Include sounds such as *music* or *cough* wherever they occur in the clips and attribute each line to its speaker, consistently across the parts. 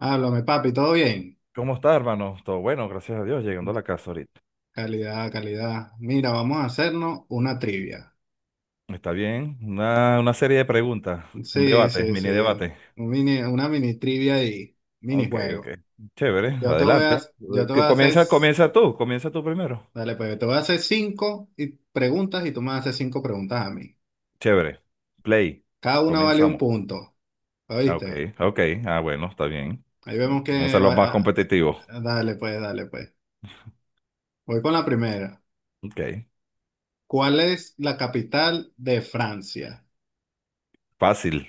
Speaker 1: Háblame, papi, ¿todo bien?
Speaker 2: ¿Cómo está, hermano? Todo bueno, gracias a Dios, llegando a la casa ahorita.
Speaker 1: Calidad, calidad. Mira, vamos a hacernos una trivia.
Speaker 2: Está bien, una serie de preguntas, un
Speaker 1: Sí,
Speaker 2: debate,
Speaker 1: sí, sí.
Speaker 2: mini debate.
Speaker 1: Una mini trivia y
Speaker 2: Ok, ok.
Speaker 1: minijuego.
Speaker 2: Chévere,
Speaker 1: Yo te voy
Speaker 2: adelante.
Speaker 1: a, yo te voy
Speaker 2: Que
Speaker 1: a hacer,
Speaker 2: comienza, comienza tú primero.
Speaker 1: dale, pues, yo te voy a hacer cinco preguntas y tú me vas a hacer cinco preguntas a mí.
Speaker 2: Chévere. Play.
Speaker 1: Cada una vale un
Speaker 2: Comenzamos.
Speaker 1: punto,
Speaker 2: Ah, ok,
Speaker 1: ¿oíste?
Speaker 2: ok. Ah, bueno, está bien.
Speaker 1: Ahí vemos
Speaker 2: Vamos a
Speaker 1: que
Speaker 2: los más
Speaker 1: va.
Speaker 2: competitivos.
Speaker 1: Ah, dale, pues, dale, pues. Voy con la primera.
Speaker 2: Ok.
Speaker 1: ¿Cuál es la capital de Francia?
Speaker 2: Fácil.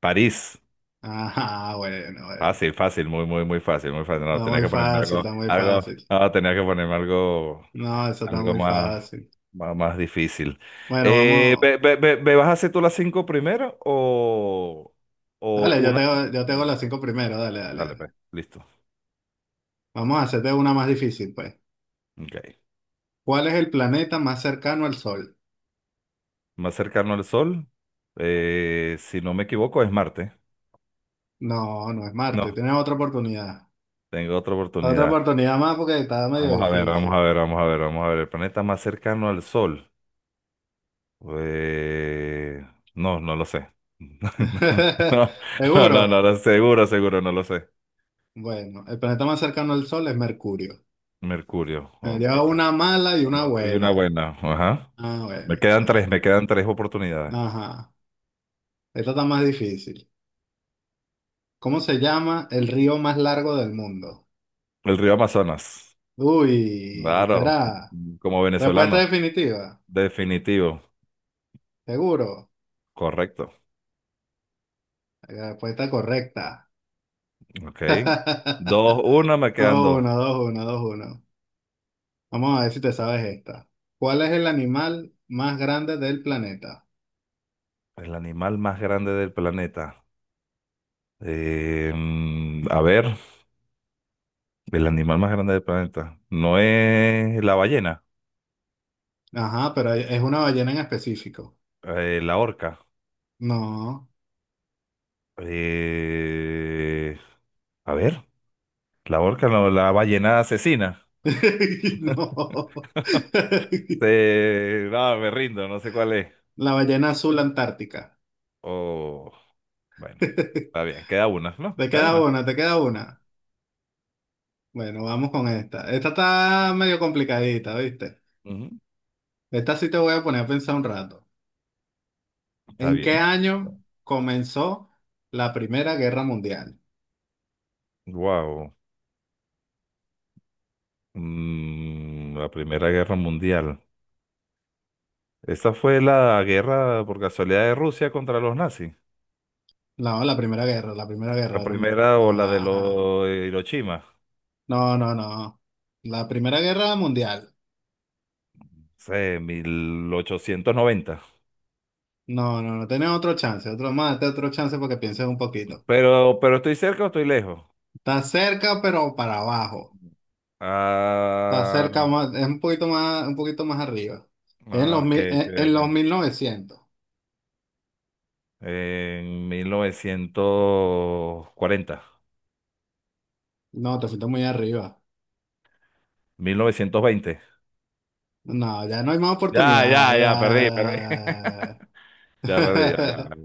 Speaker 2: París.
Speaker 1: Ajá, bueno, bueno.
Speaker 2: Fácil, fácil, muy, muy, muy fácil, muy fácil. No,
Speaker 1: Está
Speaker 2: tenía
Speaker 1: muy
Speaker 2: que ponerme
Speaker 1: fácil,
Speaker 2: algo,
Speaker 1: está muy
Speaker 2: algo,
Speaker 1: fácil.
Speaker 2: no, tenía que ponerme algo
Speaker 1: No, eso está
Speaker 2: Algo
Speaker 1: muy
Speaker 2: más,
Speaker 1: fácil.
Speaker 2: más, más difícil.
Speaker 1: Bueno,
Speaker 2: Eh,
Speaker 1: vamos.
Speaker 2: ve- ve- ve- ve- vas a hacer tú las cinco primero o
Speaker 1: Dale,
Speaker 2: una tú y
Speaker 1: yo te
Speaker 2: una
Speaker 1: hago
Speaker 2: yo?
Speaker 1: las cinco primero. Dale, dale,
Speaker 2: Dale,
Speaker 1: dale.
Speaker 2: pues, listo.
Speaker 1: Vamos a hacerte una más difícil, pues.
Speaker 2: Ok.
Speaker 1: ¿Cuál es el planeta más cercano al Sol?
Speaker 2: Más cercano al Sol, si no me equivoco, es Marte.
Speaker 1: No, no es Marte.
Speaker 2: No,
Speaker 1: Tienes otra oportunidad.
Speaker 2: tengo otra
Speaker 1: Otra
Speaker 2: oportunidad.
Speaker 1: oportunidad más porque está medio
Speaker 2: Vamos a ver, vamos a
Speaker 1: difícil.
Speaker 2: ver, vamos a ver, vamos a ver. El planeta más cercano al Sol. Eh, no, no lo sé.
Speaker 1: *laughs*
Speaker 2: *laughs* No, no, no, no,
Speaker 1: ¿Seguro?
Speaker 2: no, seguro, seguro, no lo sé.
Speaker 1: Bueno, el planeta más cercano al Sol es Mercurio.
Speaker 2: Mercurio,
Speaker 1: Me
Speaker 2: ok.
Speaker 1: lleva una mala y
Speaker 2: Bueno,
Speaker 1: una
Speaker 2: y una
Speaker 1: buena.
Speaker 2: buena, ajá.
Speaker 1: Ah,
Speaker 2: Me
Speaker 1: bueno.
Speaker 2: quedan tres, me quedan tres oportunidades.
Speaker 1: Ajá. Esta está más difícil. ¿Cómo se llama el río más largo del mundo?
Speaker 2: El río Amazonas,
Speaker 1: Uy,
Speaker 2: claro,
Speaker 1: será.
Speaker 2: como
Speaker 1: Respuesta
Speaker 2: venezolano,
Speaker 1: definitiva,
Speaker 2: definitivo,
Speaker 1: seguro.
Speaker 2: correcto.
Speaker 1: La respuesta correcta.
Speaker 2: Ok.
Speaker 1: *laughs*
Speaker 2: Dos, uno, me quedan
Speaker 1: Dos,
Speaker 2: dos.
Speaker 1: uno, dos, uno, dos, uno. Vamos a ver si te sabes esta. ¿Cuál es el animal más grande del planeta?
Speaker 2: El animal más grande del planeta. A ver, el animal más grande del planeta. No es la ballena,
Speaker 1: Ajá, pero es una ballena en específico.
Speaker 2: la orca.
Speaker 1: No.
Speaker 2: Eh, a ver, la orca, no, la ballena asesina.
Speaker 1: *laughs* No. *laughs*
Speaker 2: No, me rindo, no sé cuál es.
Speaker 1: La ballena azul antártica.
Speaker 2: Oh, bueno, está
Speaker 1: *laughs*
Speaker 2: bien. Queda una, ¿no?
Speaker 1: Te
Speaker 2: Queda
Speaker 1: queda
Speaker 2: una.
Speaker 1: una, te queda una.
Speaker 2: Ajá.
Speaker 1: Bueno, vamos con esta. Esta está medio complicadita, ¿viste?
Speaker 2: Ujú.
Speaker 1: Esta sí te voy a poner a pensar un rato.
Speaker 2: Está
Speaker 1: ¿En qué
Speaker 2: bien.
Speaker 1: año comenzó la Primera Guerra Mundial?
Speaker 2: Wow. La Primera Guerra Mundial. Esa fue la guerra por casualidad de Rusia contra los nazis.
Speaker 1: No, la Primera Guerra, la Primera
Speaker 2: La
Speaker 1: Guerra. No,
Speaker 2: primera o
Speaker 1: no,
Speaker 2: la de
Speaker 1: ajá.
Speaker 2: los Hiroshima.
Speaker 1: No, no. No. La Primera Guerra Mundial.
Speaker 2: Sé, 1890.
Speaker 1: No, no, no. Tenés otro chance, otro más, tenés otro chance porque pienses un poquito.
Speaker 2: Pero estoy cerca o estoy lejos.
Speaker 1: Está cerca, pero para abajo. Está cerca
Speaker 2: Ah,
Speaker 1: más, es un poquito más arriba. Es En los,
Speaker 2: ah,
Speaker 1: mi-
Speaker 2: que, que,
Speaker 1: en los
Speaker 2: que.
Speaker 1: 1900.
Speaker 2: En mil novecientos cuarenta,
Speaker 1: No, te fuiste muy arriba.
Speaker 2: 1920.
Speaker 1: No, ya no hay más
Speaker 2: Ya, ya,
Speaker 1: oportunidades.
Speaker 2: ya, perdí, perdí.
Speaker 1: Ya.
Speaker 2: *laughs*
Speaker 1: Ya,
Speaker 2: Ya
Speaker 1: ya,
Speaker 2: perdí,
Speaker 1: ya,
Speaker 2: ya,
Speaker 1: ya,
Speaker 2: ya.
Speaker 1: ya.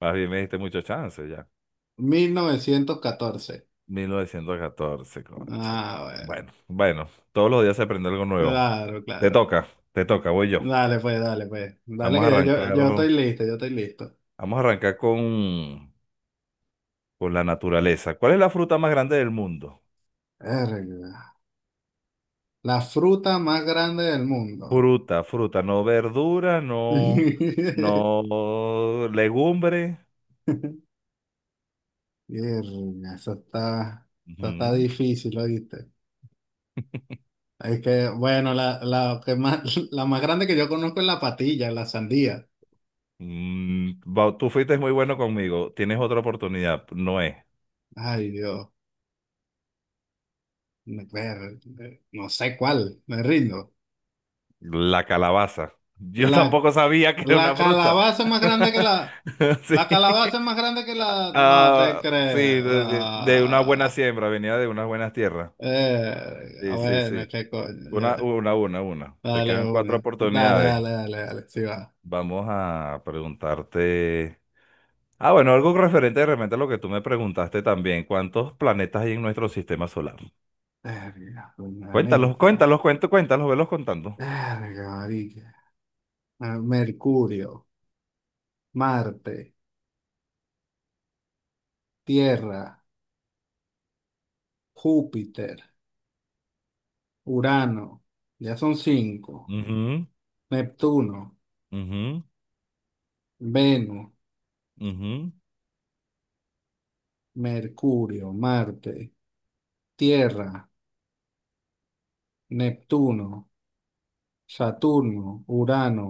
Speaker 2: Más bien me diste mucho chance, ya.
Speaker 1: *laughs* 1914.
Speaker 2: 1914, cónchale.
Speaker 1: Ah, bueno.
Speaker 2: Bueno, bueno, todos los días se aprende algo nuevo.
Speaker 1: Claro,
Speaker 2: Te
Speaker 1: claro.
Speaker 2: toca, te toca, voy yo.
Speaker 1: Dale, pues, dale, pues. Dale
Speaker 2: Vamos
Speaker 1: que
Speaker 2: a
Speaker 1: yo, yo,
Speaker 2: arrancar,
Speaker 1: yo estoy listo, yo estoy listo.
Speaker 2: vamos a arrancar con la naturaleza. ¿Cuál es la fruta más grande del mundo?
Speaker 1: Verga. La fruta más grande del mundo.
Speaker 2: Fruta, fruta, no verdura, no,
Speaker 1: *laughs*
Speaker 2: no legumbre.
Speaker 1: Verga, eso está
Speaker 2: Ujú.
Speaker 1: difícil, ¿oíste? Es que, bueno, *laughs* la más grande que yo conozco es la patilla, la sandía.
Speaker 2: Tú fuiste muy bueno conmigo. Tienes otra oportunidad, no es.
Speaker 1: Ay, Dios. Ver- No sé cuál, me rindo.
Speaker 2: La calabaza. Yo *laughs*
Speaker 1: La,
Speaker 2: tampoco sabía que era
Speaker 1: la
Speaker 2: una fruta.
Speaker 1: calabaza más grande que
Speaker 2: *laughs*
Speaker 1: la,
Speaker 2: Sí.
Speaker 1: La calabaza es más grande que la... No te
Speaker 2: Ah, sí,
Speaker 1: creo.
Speaker 2: de una buena
Speaker 1: Ah,
Speaker 2: siembra, venía de unas buenas tierras.
Speaker 1: ah,
Speaker 2: Sí, sí, sí.
Speaker 1: bueno, qué coño. Ya.
Speaker 2: Una, una. Te
Speaker 1: Dale
Speaker 2: quedan cuatro
Speaker 1: una. Dale,
Speaker 2: oportunidades.
Speaker 1: dale, dale, dale. Sí va.
Speaker 2: Vamos a preguntarte. Ah, bueno, algo referente de repente a lo que tú me preguntaste también. ¿Cuántos planetas hay en nuestro sistema solar?
Speaker 1: Verga,
Speaker 2: Cuéntalos,
Speaker 1: planetas.
Speaker 2: cuéntalos, cuéntalos, cuéntalos, velos contando.
Speaker 1: Verga, marica. Ah, Mercurio, Marte, Tierra, Júpiter, Urano. Ya son cinco.
Speaker 2: Ujú,
Speaker 1: Neptuno,
Speaker 2: ujú,
Speaker 1: Venus,
Speaker 2: ujú.
Speaker 1: Mercurio, Marte, Tierra, Neptuno, Saturno, Urano.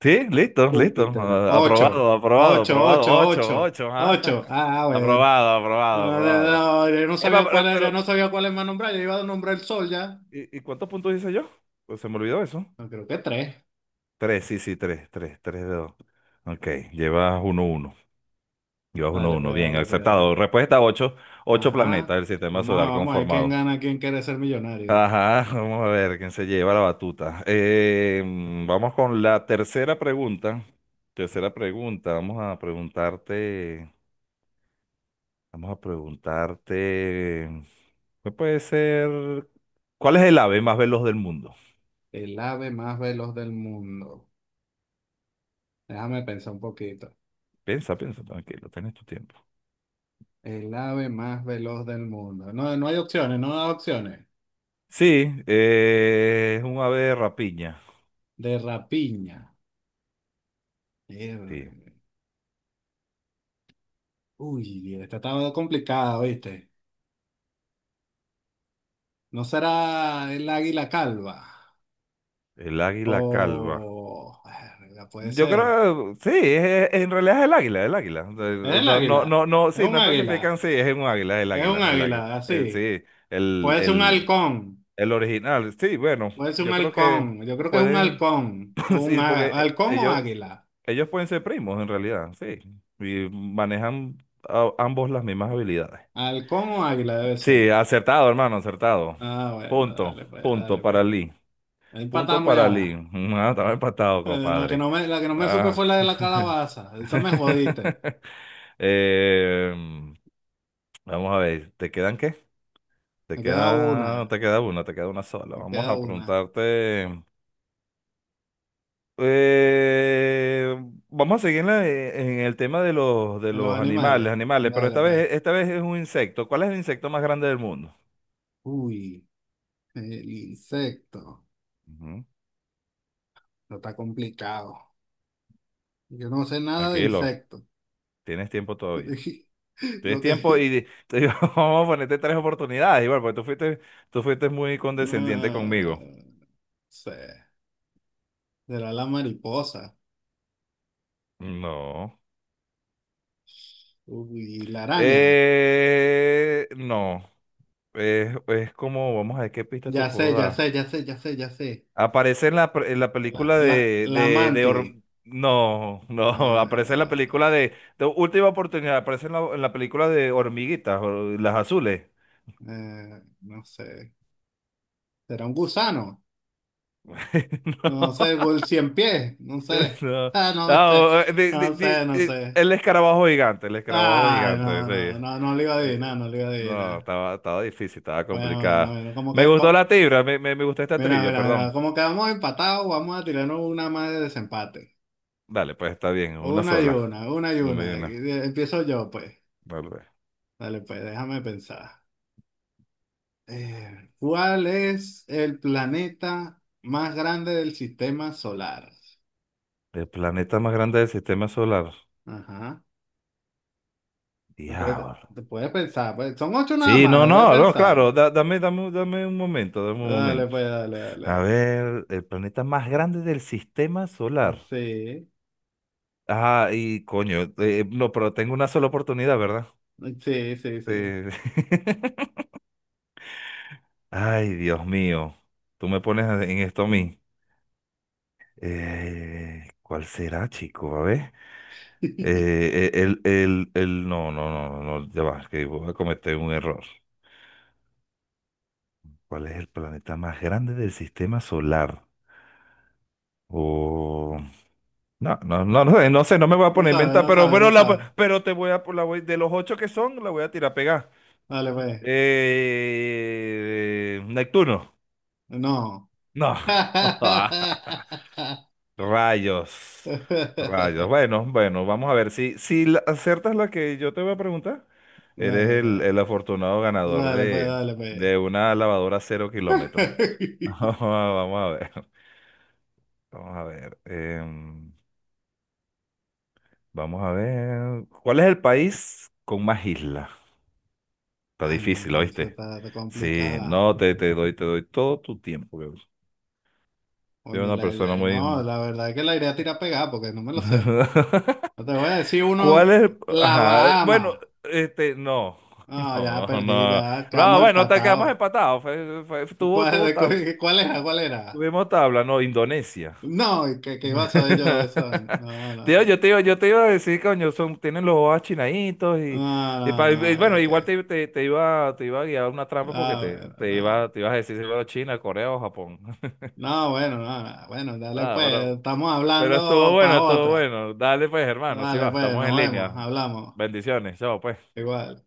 Speaker 2: Sí, listo, listo.
Speaker 1: Júpiter.
Speaker 2: Ah,
Speaker 1: Ocho,
Speaker 2: aprobado, aprobado,
Speaker 1: ocho,
Speaker 2: aprobado.
Speaker 1: ocho,
Speaker 2: Ocho,
Speaker 1: ocho,
Speaker 2: ocho, ¿ah?
Speaker 1: ocho.
Speaker 2: *laughs*
Speaker 1: Ah, bueno.
Speaker 2: Aprobado, aprobado,
Speaker 1: No,
Speaker 2: aprobado.
Speaker 1: no, yo no
Speaker 2: Eva,
Speaker 1: sabía cuál
Speaker 2: pero,
Speaker 1: era, yo no
Speaker 2: pero,
Speaker 1: sabía cuál es más nombrar. Yo iba a nombrar el sol ya.
Speaker 2: ¿y cuántos puntos hice yo? Pues se me olvidó eso.
Speaker 1: No, creo que tres.
Speaker 2: Tres, sí, sí, tres, tres, tres de dos. Ok, llevas uno, uno. Llevas uno,
Speaker 1: Dale,
Speaker 2: uno.
Speaker 1: pues,
Speaker 2: Bien,
Speaker 1: dale, pues,
Speaker 2: acertado.
Speaker 1: dale.
Speaker 2: Respuesta ocho. Ocho planetas
Speaker 1: Ajá.
Speaker 2: del sistema
Speaker 1: Vamos a,
Speaker 2: solar
Speaker 1: vamos a ver quién
Speaker 2: conformado.
Speaker 1: gana, quién quiere ser millonario.
Speaker 2: Ajá, vamos a ver quién se lleva la batuta. Vamos con la tercera pregunta. Tercera pregunta, vamos a preguntarte. Vamos a preguntarte, ¿qué puede ser? ¿Cuál es el ave más veloz del mundo?
Speaker 1: El ave más veloz del mundo. Déjame pensar un poquito.
Speaker 2: Piensa, piensa, tranquilo, tienes tu tiempo.
Speaker 1: El ave más veloz del mundo. No, no hay opciones, no hay opciones.
Speaker 2: Sí, es un ave de rapiña.
Speaker 1: De rapiña.
Speaker 2: Sí,
Speaker 1: Uy, esta estaba complicada, ¿viste? ¿No será el águila calva?
Speaker 2: el águila calva.
Speaker 1: O... Verga, puede
Speaker 2: Yo
Speaker 1: ser.
Speaker 2: creo, sí, en realidad es el águila, el águila.
Speaker 1: ¿Es el
Speaker 2: No, no,
Speaker 1: águila?
Speaker 2: no, no,
Speaker 1: ¿Es
Speaker 2: sí,
Speaker 1: un
Speaker 2: no
Speaker 1: águila?
Speaker 2: especifican, sí, es un águila, el
Speaker 1: ¿Es un
Speaker 2: águila, el águila.
Speaker 1: águila? Así.
Speaker 2: El,
Speaker 1: Puede ser un
Speaker 2: el,
Speaker 1: halcón.
Speaker 2: El original, sí, bueno,
Speaker 1: Puede ser un
Speaker 2: yo creo que
Speaker 1: halcón. Yo creo que es un
Speaker 2: pueden,
Speaker 1: halcón. O
Speaker 2: *laughs*
Speaker 1: un
Speaker 2: sí, porque
Speaker 1: halcón o
Speaker 2: ellos,
Speaker 1: águila.
Speaker 2: ellos pueden ser primos en realidad, sí, y manejan ambos las mismas habilidades.
Speaker 1: Halcón o águila debe ser.
Speaker 2: Sí, acertado, hermano, acertado.
Speaker 1: Ah, bueno,
Speaker 2: Punto,
Speaker 1: dale pues,
Speaker 2: punto
Speaker 1: dale
Speaker 2: para
Speaker 1: pues.
Speaker 2: Lee, punto
Speaker 1: Empatamos
Speaker 2: para Lee.
Speaker 1: ya.
Speaker 2: *laughs* Ah, estaba empatado,
Speaker 1: Eh, La que
Speaker 2: compadre.
Speaker 1: no me, la que no me supe
Speaker 2: Ah.
Speaker 1: fue la de la calabaza. Esa me jodiste.
Speaker 2: *laughs* Em, Vamos a ver, ¿te quedan qué? Te
Speaker 1: Me queda una.
Speaker 2: queda, te queda una, te queda una sola.
Speaker 1: Me
Speaker 2: Vamos
Speaker 1: queda
Speaker 2: a
Speaker 1: una.
Speaker 2: preguntarte. Eh, Vamos a seguir en el tema de los, de
Speaker 1: De los
Speaker 2: los
Speaker 1: animales.
Speaker 2: animales, animales, pero
Speaker 1: Dale
Speaker 2: esta
Speaker 1: pues.
Speaker 2: vez, esta vez es un insecto. ¿Cuál es el insecto más grande del mundo?
Speaker 1: Uy. El insecto.
Speaker 2: Ujú.
Speaker 1: No está complicado. Yo no sé nada de
Speaker 2: Tranquilo,
Speaker 1: insectos.
Speaker 2: tienes tiempo todavía.
Speaker 1: *laughs*
Speaker 2: Tienes
Speaker 1: Lo
Speaker 2: tiempo
Speaker 1: que...
Speaker 2: y te digo, *laughs* vamos a ponerte tres oportunidades, igual, porque tú fuiste muy condescendiente
Speaker 1: No
Speaker 2: conmigo.
Speaker 1: sé. Será la mariposa.
Speaker 2: No.
Speaker 1: Uy, la araña.
Speaker 2: No. Es como, vamos a ver qué pista te
Speaker 1: Ya sé,
Speaker 2: puedo
Speaker 1: ya
Speaker 2: dar.
Speaker 1: sé, ya sé, ya sé, ya sé.
Speaker 2: Aparece en la
Speaker 1: La,
Speaker 2: película
Speaker 1: la,
Speaker 2: de,
Speaker 1: la
Speaker 2: de, de
Speaker 1: amante.
Speaker 2: Or- No, no, *laughs*
Speaker 1: Ah,
Speaker 2: aparece en la
Speaker 1: no, no
Speaker 2: película
Speaker 1: sé.
Speaker 2: de Última Oportunidad, aparece en la película de Hormiguitas, o las azules.
Speaker 1: No sé. ¿Será un gusano?
Speaker 2: *laughs*
Speaker 1: No sé,
Speaker 2: No,
Speaker 1: o el cien pies. No sé.
Speaker 2: no.
Speaker 1: Ah, no me
Speaker 2: Ah,
Speaker 1: sé. No sé, no sé.
Speaker 2: el escarabajo
Speaker 1: Ay,
Speaker 2: gigante,
Speaker 1: no, no,
Speaker 2: sí.
Speaker 1: no, no lo iba a
Speaker 2: Eh,
Speaker 1: adivinar, no lo iba a
Speaker 2: no,
Speaker 1: adivinar.
Speaker 2: estaba difícil, estaba
Speaker 1: Bueno, bueno,
Speaker 2: complicada.
Speaker 1: bueno,
Speaker 2: Me gustó la tibra, me gustó esta
Speaker 1: mira,
Speaker 2: trivia,
Speaker 1: mira, mira,
Speaker 2: perdón.
Speaker 1: como quedamos empatados, vamos a tirarnos una más de desempate.
Speaker 2: Dale, pues está bien, una
Speaker 1: Una y
Speaker 2: sola.
Speaker 1: una, una y
Speaker 2: Una y
Speaker 1: una.
Speaker 2: una.
Speaker 1: Empiezo yo, pues.
Speaker 2: Vale.
Speaker 1: Dale, pues, déjame pensar. ¿Cuál es el planeta más grande del sistema solar?
Speaker 2: El planeta más grande del sistema solar.
Speaker 1: Ajá. Te puedes,
Speaker 2: Diablo.
Speaker 1: te puedes pensar, pues. Son ocho nada
Speaker 2: Sí, no,
Speaker 1: más, debes
Speaker 2: no, no,
Speaker 1: pensar.
Speaker 2: claro,
Speaker 1: ¿No?
Speaker 2: dame un momento, dame un
Speaker 1: Dale,
Speaker 2: momento.
Speaker 1: pues, dale, dale,
Speaker 2: A
Speaker 1: dale.
Speaker 2: ver, el planeta más grande del sistema solar.
Speaker 1: Sí,
Speaker 2: Ah, y coño, no, pero tengo una sola oportunidad, ¿verdad?
Speaker 1: sí, sí, sí.
Speaker 2: Eh, *laughs* Ay, Dios mío, tú me pones en esto a mí. ¿Cuál será, chico? A ver. No, no, no, no, no, ya va, que voy a cometer un error. ¿Cuál es el planeta más grande del sistema solar? O no, no, no, no, sé, no sé, no me voy a
Speaker 1: No
Speaker 2: poner a
Speaker 1: sabe,
Speaker 2: inventar,
Speaker 1: no
Speaker 2: pero,
Speaker 1: sabe, no
Speaker 2: la,
Speaker 1: sabe.
Speaker 2: pero te voy a, de los ocho que son, la voy a tirar a pegar.
Speaker 1: Dale, pues.
Speaker 2: Neptuno.
Speaker 1: No.
Speaker 2: No.
Speaker 1: *laughs*
Speaker 2: *laughs*
Speaker 1: Dale,
Speaker 2: Rayos. Rayos. Bueno, bueno, vamos a ver. Si aciertas la que yo te voy a preguntar,
Speaker 1: pues.
Speaker 2: eres el afortunado ganador
Speaker 1: Dale, pues,
Speaker 2: de,
Speaker 1: dale, pues.
Speaker 2: una lavadora 0 kilómetros. *laughs*
Speaker 1: *laughs*
Speaker 2: Vamos a ver. Vamos a ver. Vamos a ver. ¿Cuál es el país con más islas? Está
Speaker 1: Ay,
Speaker 2: difícil,
Speaker 1: no, eso
Speaker 2: ¿oíste?
Speaker 1: está
Speaker 2: Sí,
Speaker 1: complicada.
Speaker 2: no, te doy todo tu tiempo, que Soy
Speaker 1: Coño,
Speaker 2: una persona
Speaker 1: no,
Speaker 2: muy.
Speaker 1: la verdad es que la iré a tirar pegada porque no me lo sé.
Speaker 2: *laughs*
Speaker 1: No te voy a decir
Speaker 2: ¿Cuál
Speaker 1: uno,
Speaker 2: es?
Speaker 1: la
Speaker 2: Ajá, bueno,
Speaker 1: Bahama.
Speaker 2: este, no,
Speaker 1: No,
Speaker 2: *laughs*
Speaker 1: ya
Speaker 2: no,
Speaker 1: perdí,
Speaker 2: no.
Speaker 1: ya
Speaker 2: No,
Speaker 1: quedamos
Speaker 2: bueno, te quedamos
Speaker 1: empatados.
Speaker 2: empatados.
Speaker 1: ¿Cuál, cuál, cuál era? ¿Cuál era?
Speaker 2: Tuvimos tabla, no, Indonesia.
Speaker 1: No, ¿y que iba a saber yo de eso?
Speaker 2: *laughs*
Speaker 1: No, no,
Speaker 2: Tío,
Speaker 1: no.
Speaker 2: yo te iba a decir, coño, son, tienen los ojos achinaditos y,
Speaker 1: No,
Speaker 2: y
Speaker 1: no,
Speaker 2: pa- y
Speaker 1: no,
Speaker 2: bueno,
Speaker 1: ya
Speaker 2: igual
Speaker 1: que.
Speaker 2: te iba a guiar una trampa porque
Speaker 1: Ah,
Speaker 2: te,
Speaker 1: bueno,
Speaker 2: te
Speaker 1: no, no.
Speaker 2: iba, te ibas a decir si fuera China, Corea o Japón.
Speaker 1: No, bueno, no, no, bueno, dale
Speaker 2: Ah,
Speaker 1: pues,
Speaker 2: pero,
Speaker 1: estamos
Speaker 2: estuvo
Speaker 1: hablando para
Speaker 2: bueno, estuvo
Speaker 1: otra.
Speaker 2: bueno. Dale pues, hermano, si
Speaker 1: Dale
Speaker 2: va,
Speaker 1: pues,
Speaker 2: estamos en
Speaker 1: nos vemos,
Speaker 2: línea.
Speaker 1: hablamos.
Speaker 2: Bendiciones, chao pues.
Speaker 1: Igual.